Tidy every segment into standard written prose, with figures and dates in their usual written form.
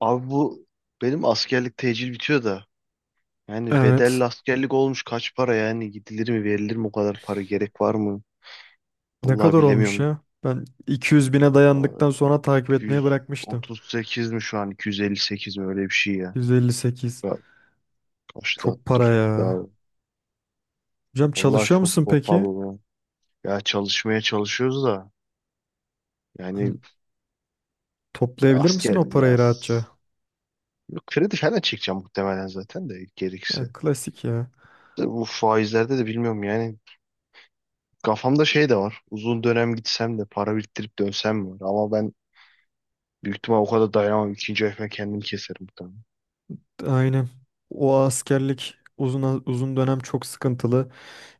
Abi bu benim askerlik tecil bitiyor da yani Evet. bedelli askerlik olmuş kaç para yani gidilir mi verilir mi o kadar para gerek var mı? Ne Vallahi kadar olmuş bilemiyorum. ya? Ben 200 bine Vallahi dayandıktan sonra takip etmeye bırakmıştım. 238 mi şu an 258 mi öyle bir şey ya. 158. Ya kaçtı Çok dur para ya. ya. Hocam Vallahi çalışıyor çok musun peki? pahalı. Ya Ya çalışmaya çalışıyoruz da Hı, yani toplayabilir misin asker o ya parayı rahatça? kredi falan çekeceğim muhtemelen zaten de Ya, gerekirse. klasik ya. Bu faizlerde de bilmiyorum yani. Kafamda şey de var. Uzun dönem gitsem de para biriktirip dönsem mi var? Ama ben büyük ihtimal o kadar dayanamam. İkinci ayıma kendim keserim muhtemelen. Aynen. O askerlik uzun dönem çok sıkıntılı.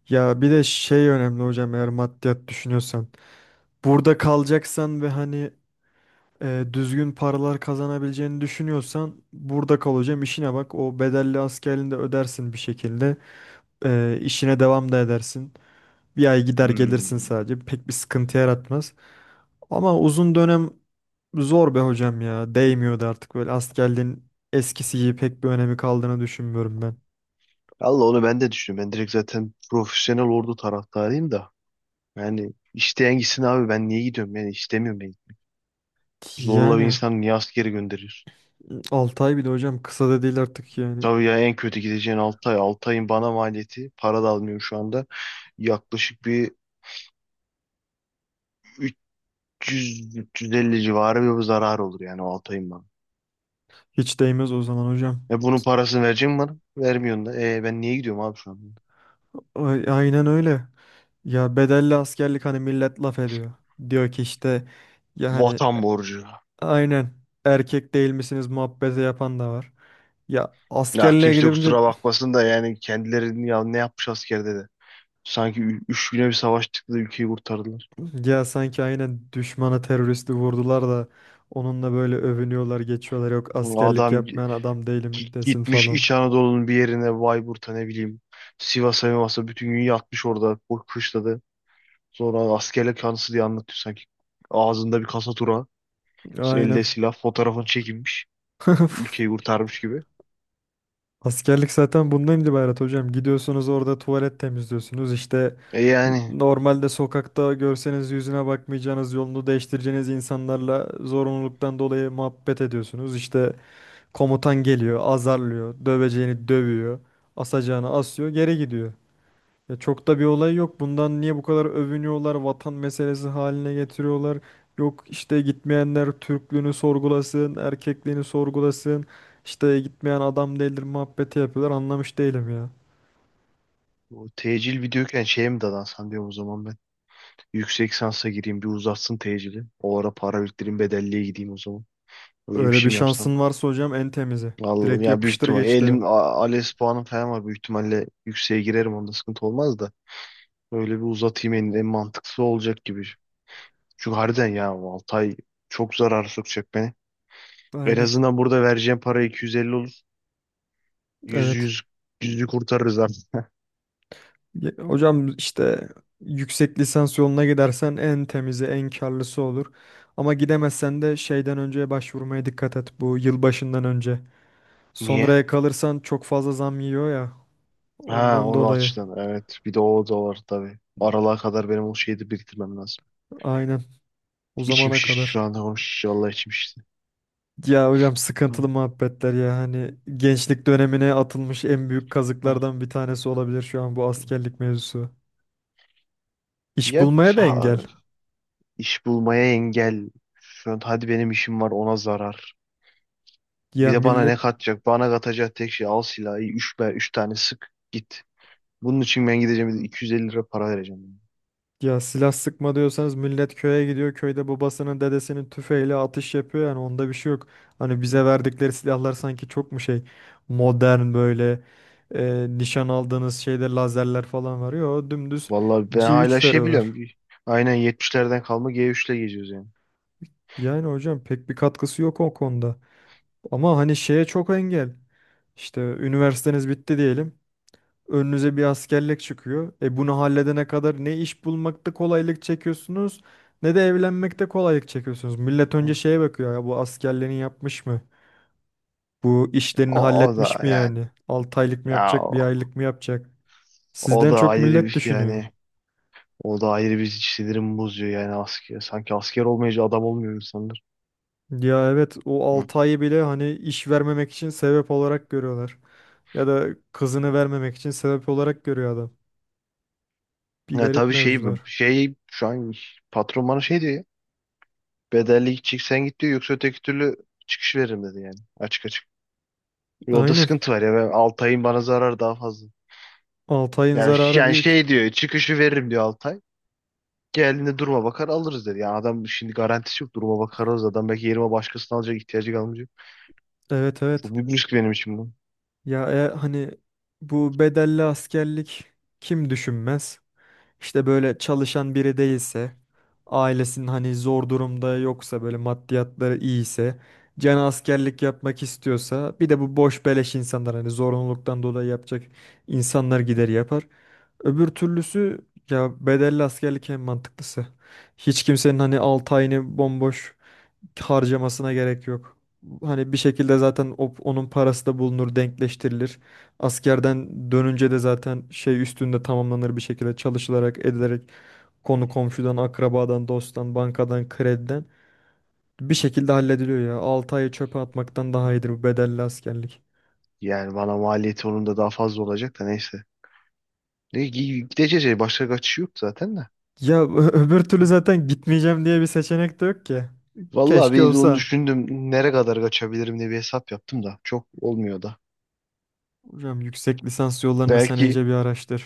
Ya bir de şey önemli hocam eğer maddiyat düşünüyorsan. Burada kalacaksan ve hani düzgün paralar kazanabileceğini düşünüyorsan burada kal hocam işine bak. O bedelli askerliğini de ödersin bir şekilde. İşine devam da edersin. Bir ay gider gelirsin Hmm. sadece. Pek bir sıkıntı yaratmaz. Ama uzun dönem zor be hocam ya. Değmiyordu artık böyle askerliğin eskisi gibi pek bir önemi kaldığını düşünmüyorum ben. Allah onu ben de düşünüyorum. Ben direkt zaten profesyonel ordu taraftarıyım da. Yani isteyen gitsin abi ben niye gidiyorum? Yani istemiyorum ben. Zorla bir Yani insan niye askere gönderiyorsun? 6 ay bir de hocam kısa da değil artık yani. Tabii ya en kötü gideceğin 6 ay. 6 ayın bana maliyeti. Para da almıyorum şu anda. Yaklaşık bir 300-350 civarı bir zarar olur yani o 6 ayın bana. Hiç değmez o zaman hocam. E bunun parasını verecek mi bana? Vermiyorsun da. E ben niye gidiyorum abi şu an? Aynen öyle. Ya bedelli askerlik hani millet laf ediyor. Diyor ki işte ya hani Vatan borcu. aynen erkek değil misiniz muhabbeti yapan da var. Ya Ya askerliğe kimse gidince kusura bakmasın da yani kendilerini ya ne yapmış askerde de. Sanki 3 güne bir savaştık da ülkeyi kurtardılar. ya sanki aynen düşmana teröristi vurdular da onunla böyle övünüyorlar geçiyorlar, yok askerlik Adam yapmayan adam değilim desin gitmiş falan. İç Anadolu'nun bir yerine Bayburt'a ne bileyim Sivas'a Mivas'a bütün gün yatmış orada bu kışladı. Sonra askerlik anısı diye anlatıyor sanki. Ağzında bir kasa tura, elde Aynen. silah, fotoğrafını çekilmiş. Ülkeyi kurtarmış gibi. Askerlik zaten bundan ibaret hocam. Gidiyorsunuz orada tuvalet temizliyorsunuz. İşte E yani. normalde sokakta görseniz yüzüne bakmayacağınız, yolunu değiştireceğiniz insanlarla zorunluluktan dolayı muhabbet ediyorsunuz. İşte komutan geliyor, azarlıyor, döveceğini dövüyor, asacağını asıyor, geri gidiyor. Ya çok da bir olay yok. Bundan niye bu kadar övünüyorlar? Vatan meselesi haline getiriyorlar. Yok işte gitmeyenler Türklüğünü sorgulasın, erkekliğini sorgulasın. İşte gitmeyen adam değildir muhabbeti yapıyorlar. Anlamış değilim ya. Bu tecil videoyken şeye mi dadansan diyorum o zaman ben. Yüksek sansa gireyim bir uzatsın tecili. O ara para biriktireyim bedelliye gideyim o zaman. Öyle bir Öyle bir şey mi yapsam? şansın varsa hocam en temizi. Vallahi Direkt ya büyük yapıştır ihtimal geç derim. elim ALES puanım falan var. Büyük ihtimalle yükseğe girerim onda sıkıntı olmaz da. Öyle bir uzatayım en mantıklısı olacak gibi. Çünkü harbiden ya 6 ay çok zarar sokacak beni. En Aynen. azından burada vereceğim para 250 olur. 100 Evet. 100 yüzü kurtarırız artık. Hocam işte yüksek lisans yoluna gidersen en temizi, en karlısı olur. Ama gidemezsen de şeyden önce başvurmaya dikkat et. Bu yılbaşından önce. Niye? Sonraya kalırsan çok fazla zam yiyor ya. Ha Ondan onu dolayı. açtın. Evet. Bir de o da var tabii. Aralığa kadar benim o şeyi de biriktirmem lazım. Aynen. O İçim zamana şişti şu kadar. anda konuşunca. Vallahi içim şişti. Ya hocam Hı, sıkıntılı muhabbetler ya. Hani gençlik dönemine atılmış en büyük hı, kazıklardan bir tanesi olabilir şu an bu hı. askerlik mevzusu. İş Ya bulmaya da ha, engel. iş bulmaya engel. Şu an hadi benim işim var ona zarar. Bir Ya de bana ne millet. katacak? Bana katacak tek şey al silahı. Üç, be, üç tane sık git. Bunun için ben gideceğim bir de 250 lira para vereceğim. Ya silah sıkma diyorsanız millet köye gidiyor. Köyde babasının dedesinin tüfeğiyle atış yapıyor yani onda bir şey yok. Hani Hı. bize verdikleri silahlar sanki çok mu şey modern, böyle nişan aldığınız şeyde lazerler falan var. Yo dümdüz Vallahi ben c hala üç şey veriyorlar. biliyorum. Bir, aynen 70'lerden kalma G3'le geziyoruz yani. Yani hocam pek bir katkısı yok o konuda. Ama hani şeye çok engel. İşte üniversiteniz bitti diyelim. Önünüze bir askerlik çıkıyor. E bunu halledene kadar ne iş bulmakta kolaylık çekiyorsunuz ne de evlenmekte kolaylık çekiyorsunuz. Millet önce Hı. şeye bakıyor ya, bu askerliğini yapmış mı? Bu işlerini O, o halletmiş da mi yani. yani? 6 aylık mı Ya yapacak, bir aylık mı yapacak? O Sizden da çok ayrı millet bir düşünüyor. yani. O da ayrı bir sinirimi bozuyor yani asker. Sanki asker olmayınca adam olmuyor insanlar. Ya evet o Hı. 6 ayı bile hani iş vermemek için sebep olarak görüyorlar. Ya da kızını vermemek için sebep olarak görüyor adam. Bir Ya garip tabii mevzular. Şu an patron bana şey diyor ya. Bedelli gidecek sen git diyor yoksa öteki türlü çıkış veririm dedi yani. Açık açık. Yolda Aynen. sıkıntı var ya ben Altay'ın bana zararı daha fazla. 6 ayın Yani, ş- zararı yani büyük. şey diyor çıkışı veririm diyor Altay. Geldiğinde duruma bakar alırız dedi. Yani adam şimdi garantisi yok duruma bakar alırız. Adam belki yerime başkasını alacak ihtiyacı kalmayacak. Evet, evet. Çok büyük risk benim için bu. Ya hani bu bedelli askerlik kim düşünmez? İşte böyle çalışan biri değilse, ailesinin hani zor durumda yoksa, böyle maddiyatları iyiyse, canı askerlik yapmak istiyorsa, bir de bu boş beleş insanlar hani zorunluluktan dolayı yapacak insanlar gider yapar. Öbür türlüsü, ya bedelli askerlik en mantıklısı. Hiç kimsenin hani 6 ayını bomboş harcamasına gerek yok. Hani bir şekilde zaten onun parası da bulunur, denkleştirilir. Askerden dönünce de zaten şey üstünde tamamlanır bir şekilde çalışılarak, edilerek konu komşudan, akrabadan, dosttan, bankadan, krediden bir şekilde hallediliyor ya. 6 ayı çöpe atmaktan daha iyidir bu bedelli askerlik. Yani bana maliyeti onun da daha fazla olacak da neyse. Ne, gideceğiz ya başka kaçış yok zaten de. Ya öbür türlü Hı. zaten gitmeyeceğim diye bir seçenek de yok ki. Vallahi Keşke bir de onu olsa. düşündüm. Nereye kadar kaçabilirim diye bir hesap yaptım da. Çok olmuyor da. Hocam yüksek lisans yollarını sen Belki iyice bir araştır.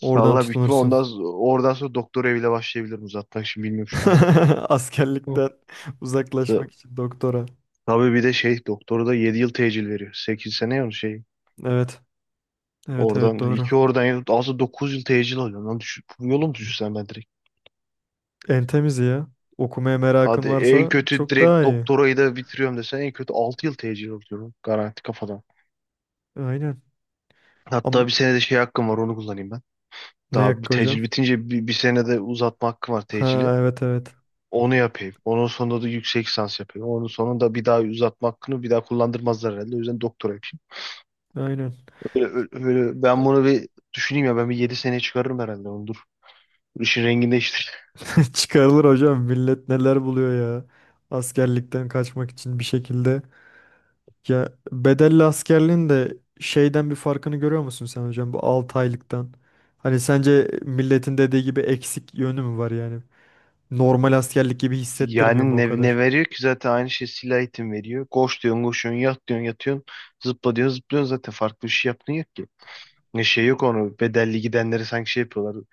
Oradan salla büyük ihtimal tutunursun. ondan oradan sonra doktor eviyle başlayabilirim uzatmak için bilmiyorum şu an. Hı. Askerlikten Ta- uzaklaşmak için doktora. Tabii bir de şey doktoru da 7 yıl tecil veriyor. 8 sene ya şey. Evet. Evet, evet, Oradan 2 doğru. oradan aslında 9 yıl tecil alıyor. Lan düşün, yolum düşürsen ben. En temizi ya. Okumaya merakın Hadi en varsa kötü çok daha direkt iyi. doktorayı da bitiriyorum desen en kötü 6 yıl tecil alıyorum garanti kafadan. Aynen. Hatta bir Am senede şey hakkım var onu kullanayım ben. Ne Daha bir yakka tecil hocam? bitince bir senede uzatma hakkım var tecili. Ha, evet, evet. Onu yapayım. Onun sonunda da yüksek lisans yapayım. Onun sonunda bir daha uzatma hakkını bir daha kullandırmazlar herhalde. O yüzden doktora yapayım. Aynen. Ben bunu bir düşüneyim ya ben bir 7 seneye çıkarırım herhalde onu dur. İşin rengini değiştir. Çıkarılır hocam. Millet neler buluyor ya. Askerlikten kaçmak için bir şekilde. Ya bedelli askerliğin de şeyden bir farkını görüyor musun sen hocam? Bu 6 aylıktan. Hani sence milletin dediği gibi eksik yönü mü var yani? Normal askerlik gibi hissettirmiyor Yani mu o ne kadar? veriyor ki zaten aynı şey silah eğitim veriyor. Koş diyorsun koşuyorsun yat diyorsun yatıyorsun zıpla diyorsun zıplıyorsun zaten farklı bir şey yaptığın yok ki. Ne şey yok onu bedelli gidenleri sanki şey yapıyorlar.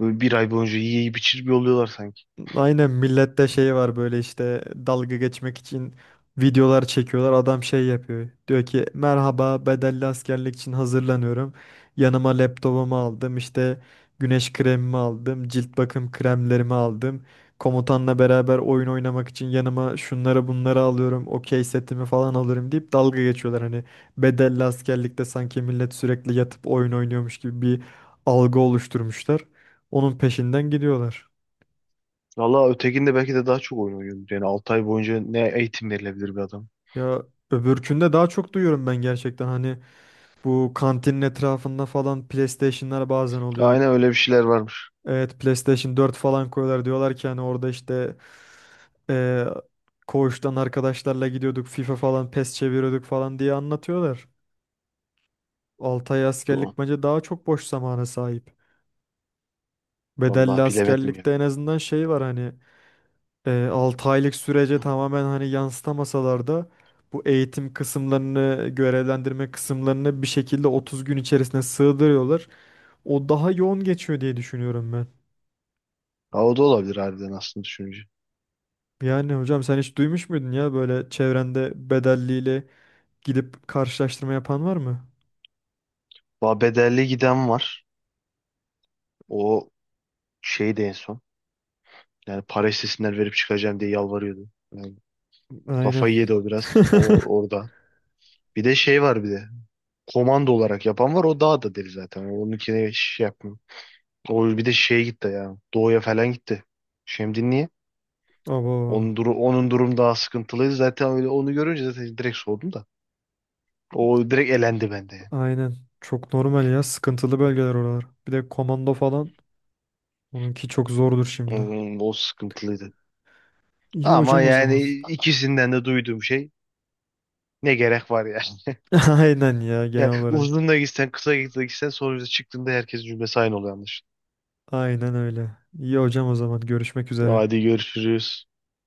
Böyle bir ay boyunca yiyip içir bir oluyorlar sanki. Aynen, millette şey var, böyle işte dalga geçmek için videolar çekiyorlar. Adam şey yapıyor. Diyor ki merhaba, bedelli askerlik için hazırlanıyorum. Yanıma laptopumu aldım, işte güneş kremimi aldım. Cilt bakım kremlerimi aldım. Komutanla beraber oyun oynamak için yanıma şunları bunları alıyorum. Okey setimi falan alırım deyip dalga geçiyorlar. Hani bedelli askerlikte sanki millet sürekli yatıp oyun oynuyormuş gibi bir algı oluşturmuşlar. Onun peşinden gidiyorlar. Valla ötekinde belki de daha çok oyun oynuyordur. Yani 6 ay boyunca ne eğitim verilebilir bir adam. Ya öbürkünde daha çok duyuyorum ben gerçekten, hani bu kantinin etrafında falan PlayStation'lar bazen oluyor. Aynen öyle bir şeyler varmış. Evet, PlayStation 4 falan koyuyorlar, diyorlar ki hani orada işte eee koğuştan arkadaşlarla gidiyorduk, FIFA falan PES çeviriyorduk falan diye anlatıyorlar. 6 ay Doğru. askerlik bence daha çok boş zamana sahip. Bedelli Valla bilemedim ya. askerlikte en azından şey var hani 6 aylık sürece tamamen hani yansıtamasalar da bu eğitim kısımlarını, görevlendirme kısımlarını bir şekilde 30 gün içerisine sığdırıyorlar. O daha yoğun geçiyor diye düşünüyorum ben. Ha, o da olabilir harbiden aslında düşününce. Yani hocam sen hiç duymuş muydun ya böyle çevrende bedelliyle gidip karşılaştırma yapan var mı? Va bedelli giden var. O şey de en son. Yani para istesinler verip çıkacağım diye yalvarıyordu. Yani Aynen. kafayı yedi o biraz. O orada. Bir de şey var bir de. Komando olarak yapan var. O daha da deli zaten. Onunkine şey yapmıyor. O bir de şeye gitti ya. Doğuya falan gitti. Şimdi niye? Abo, Duru, onun durum daha sıkıntılıydı. Zaten öyle onu görünce zaten direkt soğudum da. O direkt elendi bende yani. aynen. Çok normal ya. Sıkıntılı bölgeler oralar. Bir de komando falan. Onunki çok zordur şimdi. O sıkıntılıydı. İyi Ama hocam o zaman. yani ikisinden de duyduğum şey ne gerek var ya. Aynen ya, genel Yani olarak. uzun da gitsen kısa da gitsen sonuçta çıktığında herkes cümlesi aynı oluyor anlaşılan. Aynen öyle. İyi hocam o zaman, görüşmek üzere. Hadi görüşürüz.